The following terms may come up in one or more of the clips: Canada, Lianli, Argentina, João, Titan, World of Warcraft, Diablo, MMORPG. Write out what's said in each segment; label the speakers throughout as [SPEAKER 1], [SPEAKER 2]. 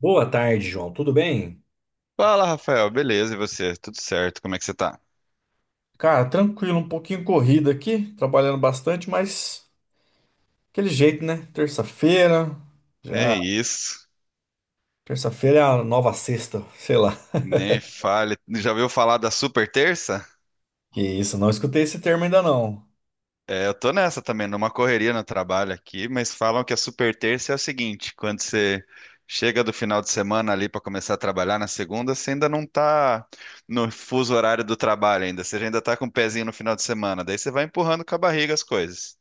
[SPEAKER 1] Boa tarde, João. Tudo bem?
[SPEAKER 2] Fala, Rafael. Beleza, e você? Tudo certo? Como é que você tá?
[SPEAKER 1] Cara, tranquilo, um pouquinho corrido aqui, trabalhando bastante, mas aquele jeito, né? Terça-feira,
[SPEAKER 2] É
[SPEAKER 1] já.
[SPEAKER 2] isso.
[SPEAKER 1] Terça-feira é a nova sexta, sei lá.
[SPEAKER 2] Nem fale. Já ouviu falar da Super Terça?
[SPEAKER 1] Que isso, não escutei esse termo ainda não.
[SPEAKER 2] É, eu tô nessa também, numa correria no trabalho aqui, mas falam que a Super Terça é o seguinte, quando você chega do final de semana ali pra começar a trabalhar na segunda, você ainda não tá no fuso horário do trabalho ainda, você ainda tá com o pezinho no final de semana, daí você vai empurrando com a barriga as coisas.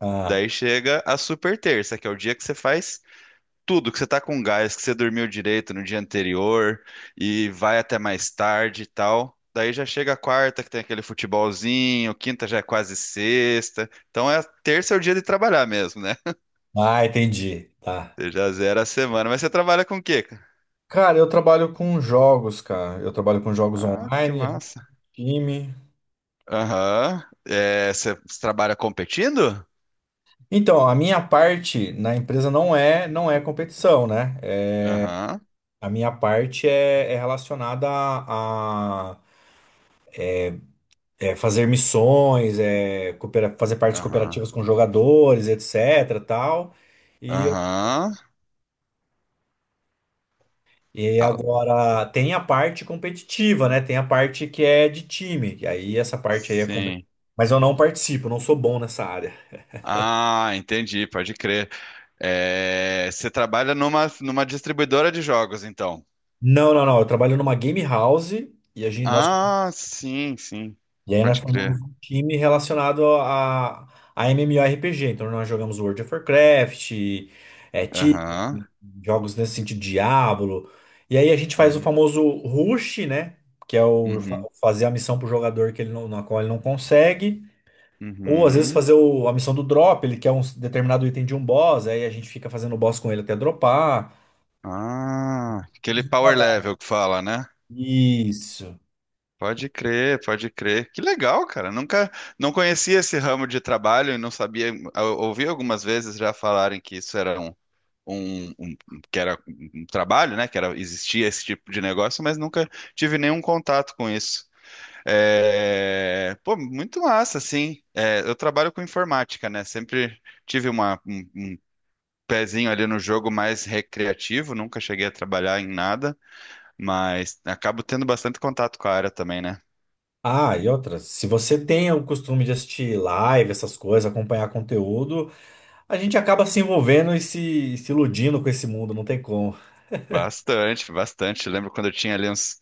[SPEAKER 1] Ah,
[SPEAKER 2] Daí chega a Super Terça, que é o dia que você faz tudo, que você tá com gás, que você dormiu direito no dia anterior e vai até mais tarde e tal. Daí já chega a quarta, que tem aquele futebolzinho, quinta já é quase sexta. Então é terça é o dia de trabalhar mesmo, né?
[SPEAKER 1] ah, entendi. Tá.
[SPEAKER 2] Você já zera a semana. Mas você trabalha com o quê, cara?
[SPEAKER 1] Cara, eu trabalho com jogos, cara. Eu trabalho com jogos
[SPEAKER 2] Ah, que
[SPEAKER 1] online,
[SPEAKER 2] massa.
[SPEAKER 1] time.
[SPEAKER 2] Aham. É, você trabalha competindo?
[SPEAKER 1] Então, a minha parte na empresa não é competição, né? É,
[SPEAKER 2] Aham,
[SPEAKER 1] a minha parte é relacionada a, é, fazer missões, é, fazer partes
[SPEAKER 2] aham,
[SPEAKER 1] cooperativas com jogadores, etc, tal. E,
[SPEAKER 2] aham.
[SPEAKER 1] e
[SPEAKER 2] Ah,
[SPEAKER 1] agora tem a parte competitiva, né? Tem a parte que é de time. E aí essa parte aí é competitiva.
[SPEAKER 2] sim.
[SPEAKER 1] Mas eu não participo, não sou bom nessa área.
[SPEAKER 2] Ah, entendi, pode crer. É, você trabalha numa distribuidora de jogos, então.
[SPEAKER 1] Não, não, não. Eu trabalho numa game house e a gente, nós.
[SPEAKER 2] Ah, sim, sim.
[SPEAKER 1] E aí nós
[SPEAKER 2] Pode
[SPEAKER 1] formamos
[SPEAKER 2] crer.
[SPEAKER 1] um time relacionado a MMORPG. Então nós jogamos World of Warcraft, é, Titan,
[SPEAKER 2] Aham.
[SPEAKER 1] jogos nesse sentido, Diablo. E aí a gente faz o
[SPEAKER 2] Uhum.
[SPEAKER 1] famoso rush, né? Que é
[SPEAKER 2] Uhum.
[SPEAKER 1] fazer a missão pro jogador que ele não, na qual ele não consegue. Ou às vezes
[SPEAKER 2] Uhum.
[SPEAKER 1] fazer a missão do drop, ele quer um determinado item de um boss, aí a gente fica fazendo o boss com ele até dropar.
[SPEAKER 2] Ah, aquele power level que fala, né?
[SPEAKER 1] Isso.
[SPEAKER 2] Pode crer, pode crer. Que legal, cara. Nunca, não conhecia esse ramo de trabalho e não sabia. Eu ouvi algumas vezes já falarem que isso era um que era um trabalho, né? Que era, existia esse tipo de negócio, mas nunca tive nenhum contato com isso. É, pô, muito massa, sim. É, eu trabalho com informática, né? Sempre tive um pezinho ali no jogo mais recreativo, nunca cheguei a trabalhar em nada, mas acabo tendo bastante contato com a área também, né?
[SPEAKER 1] Ah, e outra, se você tem o costume de assistir live, essas coisas, acompanhar conteúdo, a gente acaba se envolvendo e se iludindo com esse mundo, não tem como.
[SPEAKER 2] Bastante, bastante. Lembro quando eu tinha ali uns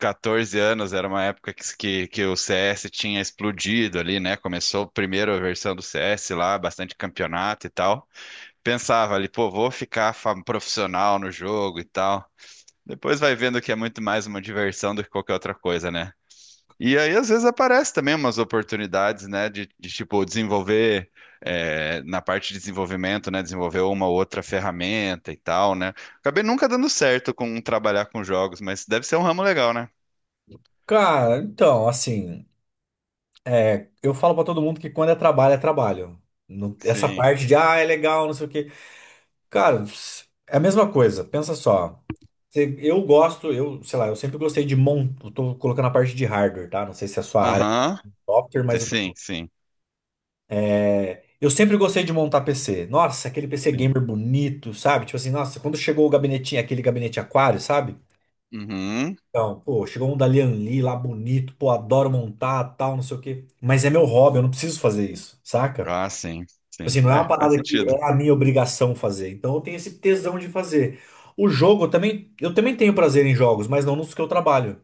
[SPEAKER 2] 14 anos, era uma época que o CS tinha explodido ali, né? Começou a primeira versão do CS lá, bastante campeonato e tal. Pensava ali, pô, vou ficar profissional no jogo e tal. Depois vai vendo que é muito mais uma diversão do que qualquer outra coisa, né? E aí, às vezes, aparece também umas oportunidades, né, de, tipo, desenvolver, na parte de desenvolvimento, né, desenvolver uma ou outra ferramenta e tal, né? Acabei nunca dando certo com trabalhar com jogos, mas deve ser um ramo legal, né?
[SPEAKER 1] Cara, então, assim, é, eu falo pra todo mundo que quando é trabalho, é trabalho. Essa
[SPEAKER 2] Sim.
[SPEAKER 1] parte de, ah, é legal, não sei o quê. Cara, é a mesma coisa, pensa só. Eu gosto, eu, sei lá, eu sempre gostei de montar, tô colocando a parte de hardware, tá? Não sei se é a sua área,
[SPEAKER 2] Aham.
[SPEAKER 1] software, mas eu tô.
[SPEAKER 2] Sim, sim,
[SPEAKER 1] É, eu sempre gostei de montar PC. Nossa, aquele PC
[SPEAKER 2] sim.
[SPEAKER 1] gamer bonito, sabe? Tipo assim, nossa, quando chegou o gabinetinho, aquele gabinete aquário, sabe?
[SPEAKER 2] Uhum.
[SPEAKER 1] Então, pô, chegou um da Lianli lá bonito, pô, adoro montar, tal, não sei o quê. Mas é meu hobby, eu não preciso fazer isso, saca?
[SPEAKER 2] Ah,
[SPEAKER 1] Tipo
[SPEAKER 2] sim, sim.
[SPEAKER 1] assim, não é uma
[SPEAKER 2] É, faz
[SPEAKER 1] parada que
[SPEAKER 2] sentido.
[SPEAKER 1] é a minha obrigação fazer. Então eu tenho esse tesão de fazer. O jogo eu também tenho prazer em jogos, mas não nos que eu trabalho.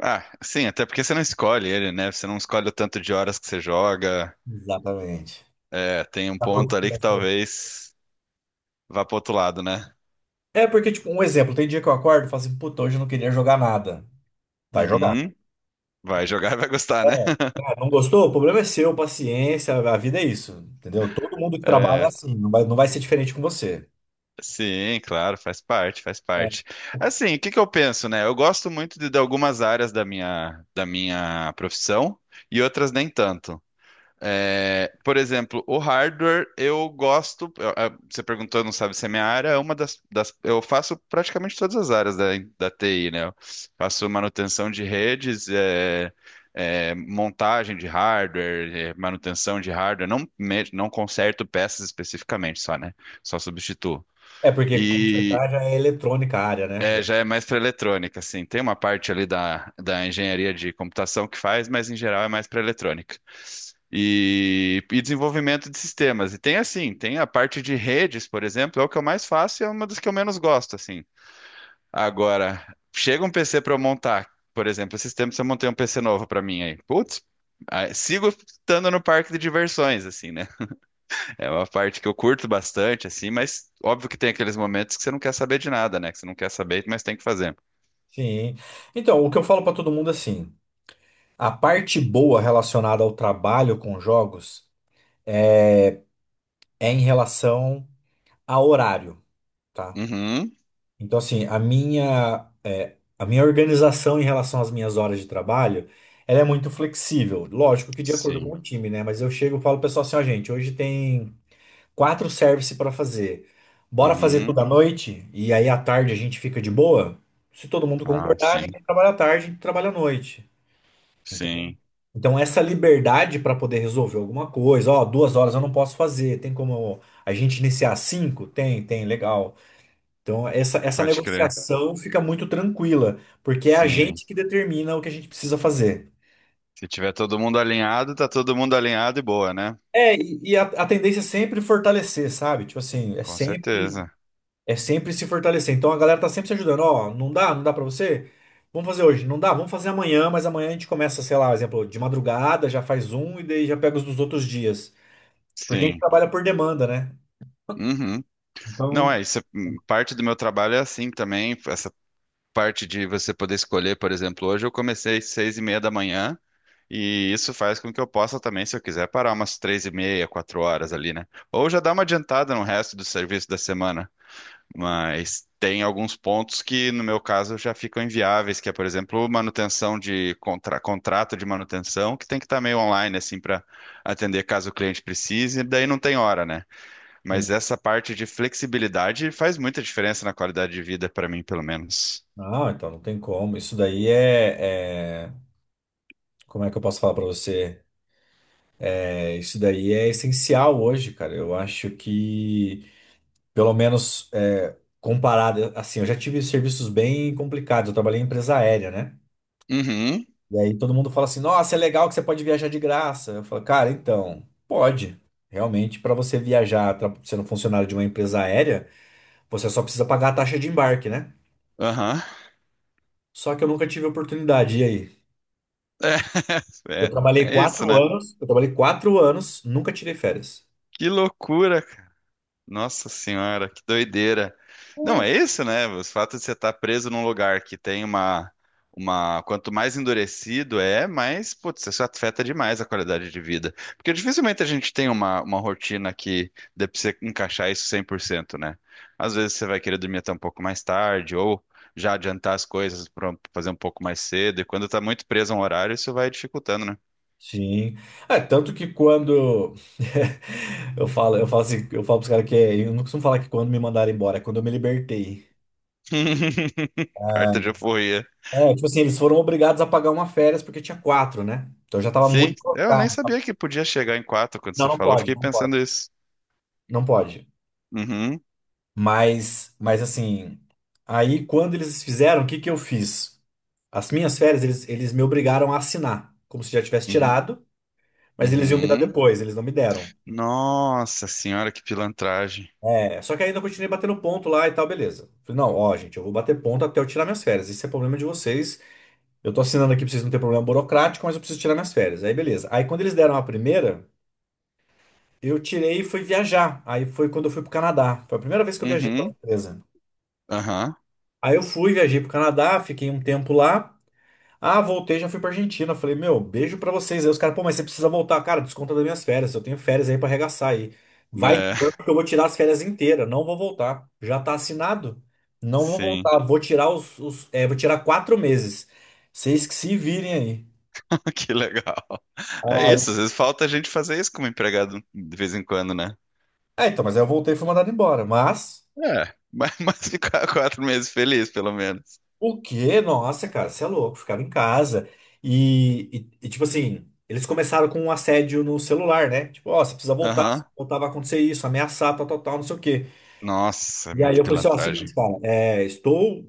[SPEAKER 2] Ah, sim, até porque você não escolhe ele, né? Você não escolhe o tanto de horas que você joga.
[SPEAKER 1] Exatamente.
[SPEAKER 2] É, tem um
[SPEAKER 1] Tá por
[SPEAKER 2] ponto
[SPEAKER 1] conta
[SPEAKER 2] ali
[SPEAKER 1] da
[SPEAKER 2] que
[SPEAKER 1] saúde.
[SPEAKER 2] talvez vá pro outro lado, né?
[SPEAKER 1] É porque, tipo, um exemplo, tem dia que eu acordo e falo assim, puta, hoje eu não queria jogar nada. Vai jogar.
[SPEAKER 2] Uhum. Vai jogar e vai gostar, né?
[SPEAKER 1] Ah, não gostou? O problema é seu, paciência, a vida é isso, entendeu? Todo mundo que trabalha é
[SPEAKER 2] É,
[SPEAKER 1] assim, não vai ser diferente com você.
[SPEAKER 2] sim, claro, faz parte, faz
[SPEAKER 1] É,
[SPEAKER 2] parte. Assim, o que que eu penso, né? Eu gosto muito de algumas áreas da minha profissão e outras nem tanto. É, por exemplo, o hardware eu gosto. Você perguntou, não sabe se é minha área. Eu faço praticamente todas as áreas da TI, né? Eu faço manutenção de redes, montagem de hardware, manutenção de hardware, não conserto peças especificamente só, né? Só substituo.
[SPEAKER 1] é porque consertar já é eletrônica a área, né?
[SPEAKER 2] É,
[SPEAKER 1] Já-.
[SPEAKER 2] já é mais para eletrônica, assim. Tem uma parte ali da engenharia de computação que faz, mas em geral é mais para eletrônica. E desenvolvimento de sistemas. E tem assim, tem a parte de redes, por exemplo, é o que eu mais faço e é uma das que eu menos gosto, assim. Agora, chega um PC para eu montar, por exemplo, esses tempos eu montei um PC novo para mim aí. Putz, ah, sigo estando no parque de diversões, assim, né? É uma parte que eu curto bastante, assim, mas óbvio que tem aqueles momentos que você não quer saber de nada, né? Que você não quer saber, mas tem que fazer.
[SPEAKER 1] Sim. Então, o que eu falo para todo mundo é assim, a parte boa relacionada ao trabalho com jogos é em relação a horário, tá?
[SPEAKER 2] Uhum,
[SPEAKER 1] Então, assim, a minha organização em relação às minhas horas de trabalho, ela é muito flexível. Lógico que de acordo com
[SPEAKER 2] sim.
[SPEAKER 1] o time, né? Mas eu chego e falo pro pessoal assim, ó, gente, hoje tem 4 service para fazer. Bora fazer tudo
[SPEAKER 2] Uhum.
[SPEAKER 1] à noite e aí à tarde a gente fica de boa? Se todo mundo
[SPEAKER 2] Ah,
[SPEAKER 1] concordar,
[SPEAKER 2] sim.
[SPEAKER 1] ninguém trabalha à tarde, trabalha à noite. Entendeu?
[SPEAKER 2] Sim.
[SPEAKER 1] Então, essa liberdade para poder resolver alguma coisa, ó, 2 horas eu não posso fazer, tem como a gente iniciar às 5? Tem, tem, legal. Então, essa
[SPEAKER 2] Pode crer.
[SPEAKER 1] negociação fica muito tranquila, porque é a
[SPEAKER 2] Sim.
[SPEAKER 1] gente que determina o que a gente precisa fazer.
[SPEAKER 2] Se tiver todo mundo alinhado, tá todo mundo alinhado e boa, né?
[SPEAKER 1] É, a tendência é sempre fortalecer, sabe? Tipo assim, é
[SPEAKER 2] Com
[SPEAKER 1] sempre.
[SPEAKER 2] certeza.
[SPEAKER 1] É sempre se fortalecer. Então a galera tá sempre se ajudando. Ó, não dá? Não dá pra você? Vamos fazer hoje. Não dá? Vamos fazer amanhã, mas amanhã a gente começa, sei lá, exemplo, de madrugada, já faz um e daí já pega os dos outros dias. Porque a gente
[SPEAKER 2] Sim.
[SPEAKER 1] trabalha por demanda, né?
[SPEAKER 2] Uhum. Não,
[SPEAKER 1] Então,
[SPEAKER 2] parte do meu trabalho é assim também. Essa parte de você poder escolher, por exemplo, hoje eu comecei às 6:30 da manhã. E isso faz com que eu possa também, se eu quiser, parar umas 3:30, 4 horas ali, né? Ou já dar uma adiantada no resto do serviço da semana. Mas tem alguns pontos que, no meu caso, já ficam inviáveis, que é, por exemplo, manutenção de contrato de manutenção, que tem que estar meio online, assim, para atender caso o cliente precise, e daí não tem hora, né? Mas
[SPEAKER 1] sim.
[SPEAKER 2] essa parte de flexibilidade faz muita diferença na qualidade de vida, para mim, pelo menos.
[SPEAKER 1] Não, então não tem como. Isso daí como é que eu posso falar pra você? É, isso daí é essencial hoje, cara. Eu acho que, pelo menos é, comparado, assim, eu já tive serviços bem complicados. Eu trabalhei em empresa aérea, né?
[SPEAKER 2] Uhum,
[SPEAKER 1] E aí todo mundo fala assim: nossa, é legal que você pode viajar de graça. Eu falo, cara, então, pode. Realmente, para você sendo funcionário de uma empresa aérea, você só precisa pagar a taxa de embarque, né?
[SPEAKER 2] aham.
[SPEAKER 1] Só que eu nunca tive oportunidade. E aí?
[SPEAKER 2] É, é, é isso, né?
[SPEAKER 1] Eu trabalhei quatro anos, nunca tirei férias.
[SPEAKER 2] Que loucura. Nossa senhora, que doideira. Não, é isso, né? O fato de você estar preso num lugar que tem quanto mais endurecido é, mais, putz, isso afeta demais a qualidade de vida. Porque dificilmente a gente tem uma rotina que dê pra você encaixar isso 100%, né? Às vezes você vai querer dormir até um pouco mais tarde, ou já adiantar as coisas para fazer um pouco mais cedo, e quando tá muito preso a um horário, isso vai dificultando, né?
[SPEAKER 1] Sim. É, tanto que quando eu falo pros caras eu não costumo falar que quando me mandaram embora, é quando eu me libertei.
[SPEAKER 2] Carta de euforia.
[SPEAKER 1] É, tipo assim, eles foram obrigados a pagar uma férias porque tinha quatro, né? Então eu já tava muito.
[SPEAKER 2] Sim, eu nem sabia que podia chegar em quatro quando você falou, fiquei
[SPEAKER 1] Não pode.
[SPEAKER 2] pensando isso.
[SPEAKER 1] Não pode.
[SPEAKER 2] Uhum,
[SPEAKER 1] Mas assim, aí quando eles fizeram, o que que eu fiz? As minhas férias, eles me obrigaram a assinar, como se já tivesse
[SPEAKER 2] uhum,
[SPEAKER 1] tirado, mas eles iam me dar
[SPEAKER 2] uhum.
[SPEAKER 1] depois, eles não me deram.
[SPEAKER 2] Nossa senhora, que pilantragem.
[SPEAKER 1] É, só que ainda eu continuei batendo ponto lá e tal, beleza. Falei, não, ó, gente, eu vou bater ponto até eu tirar minhas férias. Isso é problema de vocês. Eu tô assinando aqui pra vocês não terem problema burocrático, mas eu preciso tirar minhas férias. Aí, beleza. Aí, quando eles deram a primeira, eu tirei e fui viajar. Aí foi quando eu fui pro Canadá. Foi a primeira vez que eu viajei pra uma
[SPEAKER 2] Uhum,
[SPEAKER 1] empresa.
[SPEAKER 2] aham,
[SPEAKER 1] Aí eu fui, viajei pro Canadá, fiquei um tempo lá. Ah, voltei, já fui pra Argentina. Falei, meu, beijo pra vocês. Aí os caras, pô, mas você precisa voltar. Cara, desconta das minhas férias. Eu tenho férias aí pra arregaçar aí. Vai
[SPEAKER 2] né?
[SPEAKER 1] tirando que eu vou tirar as férias inteiras. Não vou voltar. Já tá assinado. Não vou
[SPEAKER 2] Sim,
[SPEAKER 1] voltar. Vou tirar vou tirar 4 meses. Vocês que se virem aí.
[SPEAKER 2] que legal. É isso, às
[SPEAKER 1] Aí-.
[SPEAKER 2] vezes falta a gente fazer isso como empregado de vez em quando, né?
[SPEAKER 1] É, então, mas aí eu voltei e fui mandado embora. Mas.
[SPEAKER 2] É, mas, mas ficar 4 meses feliz, pelo menos.
[SPEAKER 1] O quê? Nossa, cara, você é louco, ficava em casa. E, tipo assim, eles começaram com um assédio no celular, né? Tipo, ó, você precisa voltar, se
[SPEAKER 2] Aham.
[SPEAKER 1] não voltar vai acontecer isso, ameaçar, tal, tal, tal, não sei o quê.
[SPEAKER 2] Nossa, é
[SPEAKER 1] E aí
[SPEAKER 2] muito
[SPEAKER 1] eu falei assim, ó,
[SPEAKER 2] pilantragem.
[SPEAKER 1] seguinte, cara, é, estou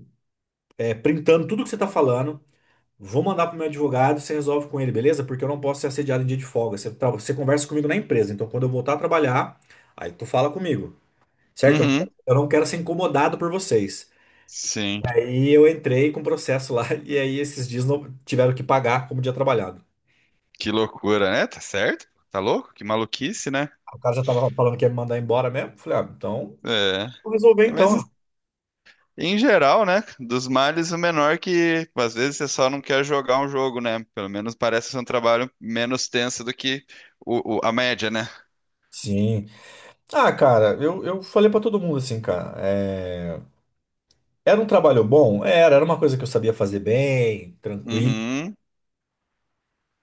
[SPEAKER 1] é, printando tudo que você tá falando, vou mandar pro meu advogado, você resolve com ele, beleza? Porque eu não posso ser assediado em dia de folga. Você, você conversa comigo na empresa, então quando eu voltar a trabalhar, aí tu fala comigo, certo?
[SPEAKER 2] Uhum,
[SPEAKER 1] Eu não quero ser incomodado por vocês.
[SPEAKER 2] sim,
[SPEAKER 1] Aí eu entrei com processo lá e aí esses dias não tiveram que pagar como dia trabalhado.
[SPEAKER 2] que loucura, né? Tá certo? Tá louco? Que maluquice, né?
[SPEAKER 1] O cara já tava falando que ia me mandar embora mesmo. Falei, ah, então
[SPEAKER 2] É.
[SPEAKER 1] vou resolver
[SPEAKER 2] Mas
[SPEAKER 1] então.
[SPEAKER 2] em geral, né? Dos males, o menor que às vezes você só não quer jogar um jogo, né? Pelo menos parece ser um trabalho menos tenso do que a média, né?
[SPEAKER 1] Sim. Ah, cara, eu falei pra todo mundo assim, cara. É, era um trabalho bom? Era, era uma coisa que eu sabia fazer bem, tranquilo.
[SPEAKER 2] Uhum.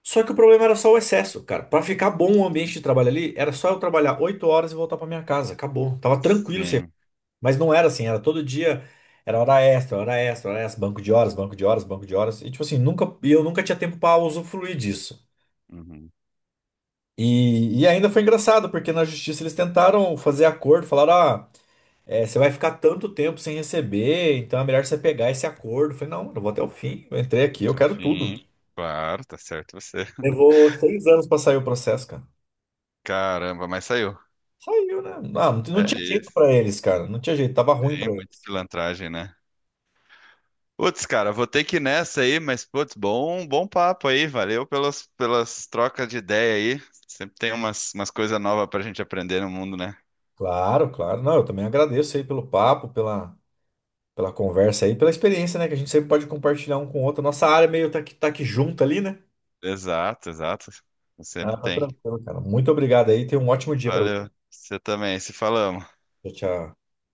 [SPEAKER 1] Só que o problema era só o excesso, cara. Pra ficar bom o ambiente de trabalho ali, era só eu trabalhar 8 horas e voltar pra minha casa. Acabou. Tava tranquilo.
[SPEAKER 2] Sim.
[SPEAKER 1] Mas não era assim, era todo dia, era hora extra, hora extra, hora extra, banco de horas, banco de horas, banco de horas. E tipo assim, nunca, e eu nunca tinha tempo para usufruir disso.
[SPEAKER 2] Uhum.
[SPEAKER 1] E ainda foi engraçado, porque na justiça eles tentaram fazer acordo, falaram, ah, é, você vai ficar tanto tempo sem receber, então é melhor você pegar esse acordo. Eu falei, não, eu vou até o fim, eu entrei aqui, eu
[SPEAKER 2] Até o
[SPEAKER 1] quero tudo.
[SPEAKER 2] fim. Claro, tá certo você.
[SPEAKER 1] Levou 6 anos para sair o processo, cara.
[SPEAKER 2] Caramba, mas saiu.
[SPEAKER 1] Saiu, né? Ah, não,
[SPEAKER 2] É
[SPEAKER 1] não tinha jeito
[SPEAKER 2] isso.
[SPEAKER 1] para eles, cara, não tinha jeito, tava ruim
[SPEAKER 2] Sim,
[SPEAKER 1] para
[SPEAKER 2] muita
[SPEAKER 1] eles.
[SPEAKER 2] pilantragem, né? Putz, cara, vou ter que ir nessa aí, mas putz, bom, bom papo aí. Valeu pelas trocas de ideia aí. Sempre tem umas coisas novas pra gente aprender no mundo, né?
[SPEAKER 1] Claro, claro. Não, eu também agradeço aí pelo papo, pela pela conversa aí, pela experiência, né? Que a gente sempre pode compartilhar um com o outro. Nossa área é meio tá que junto ali, né?
[SPEAKER 2] Exato, exato.
[SPEAKER 1] Ah,
[SPEAKER 2] Sempre
[SPEAKER 1] tá
[SPEAKER 2] tem.
[SPEAKER 1] tranquilo, cara. Muito obrigado aí. Tenha um ótimo dia pra você.
[SPEAKER 2] Valeu, você também, se falamos.
[SPEAKER 1] Tchau, tchau.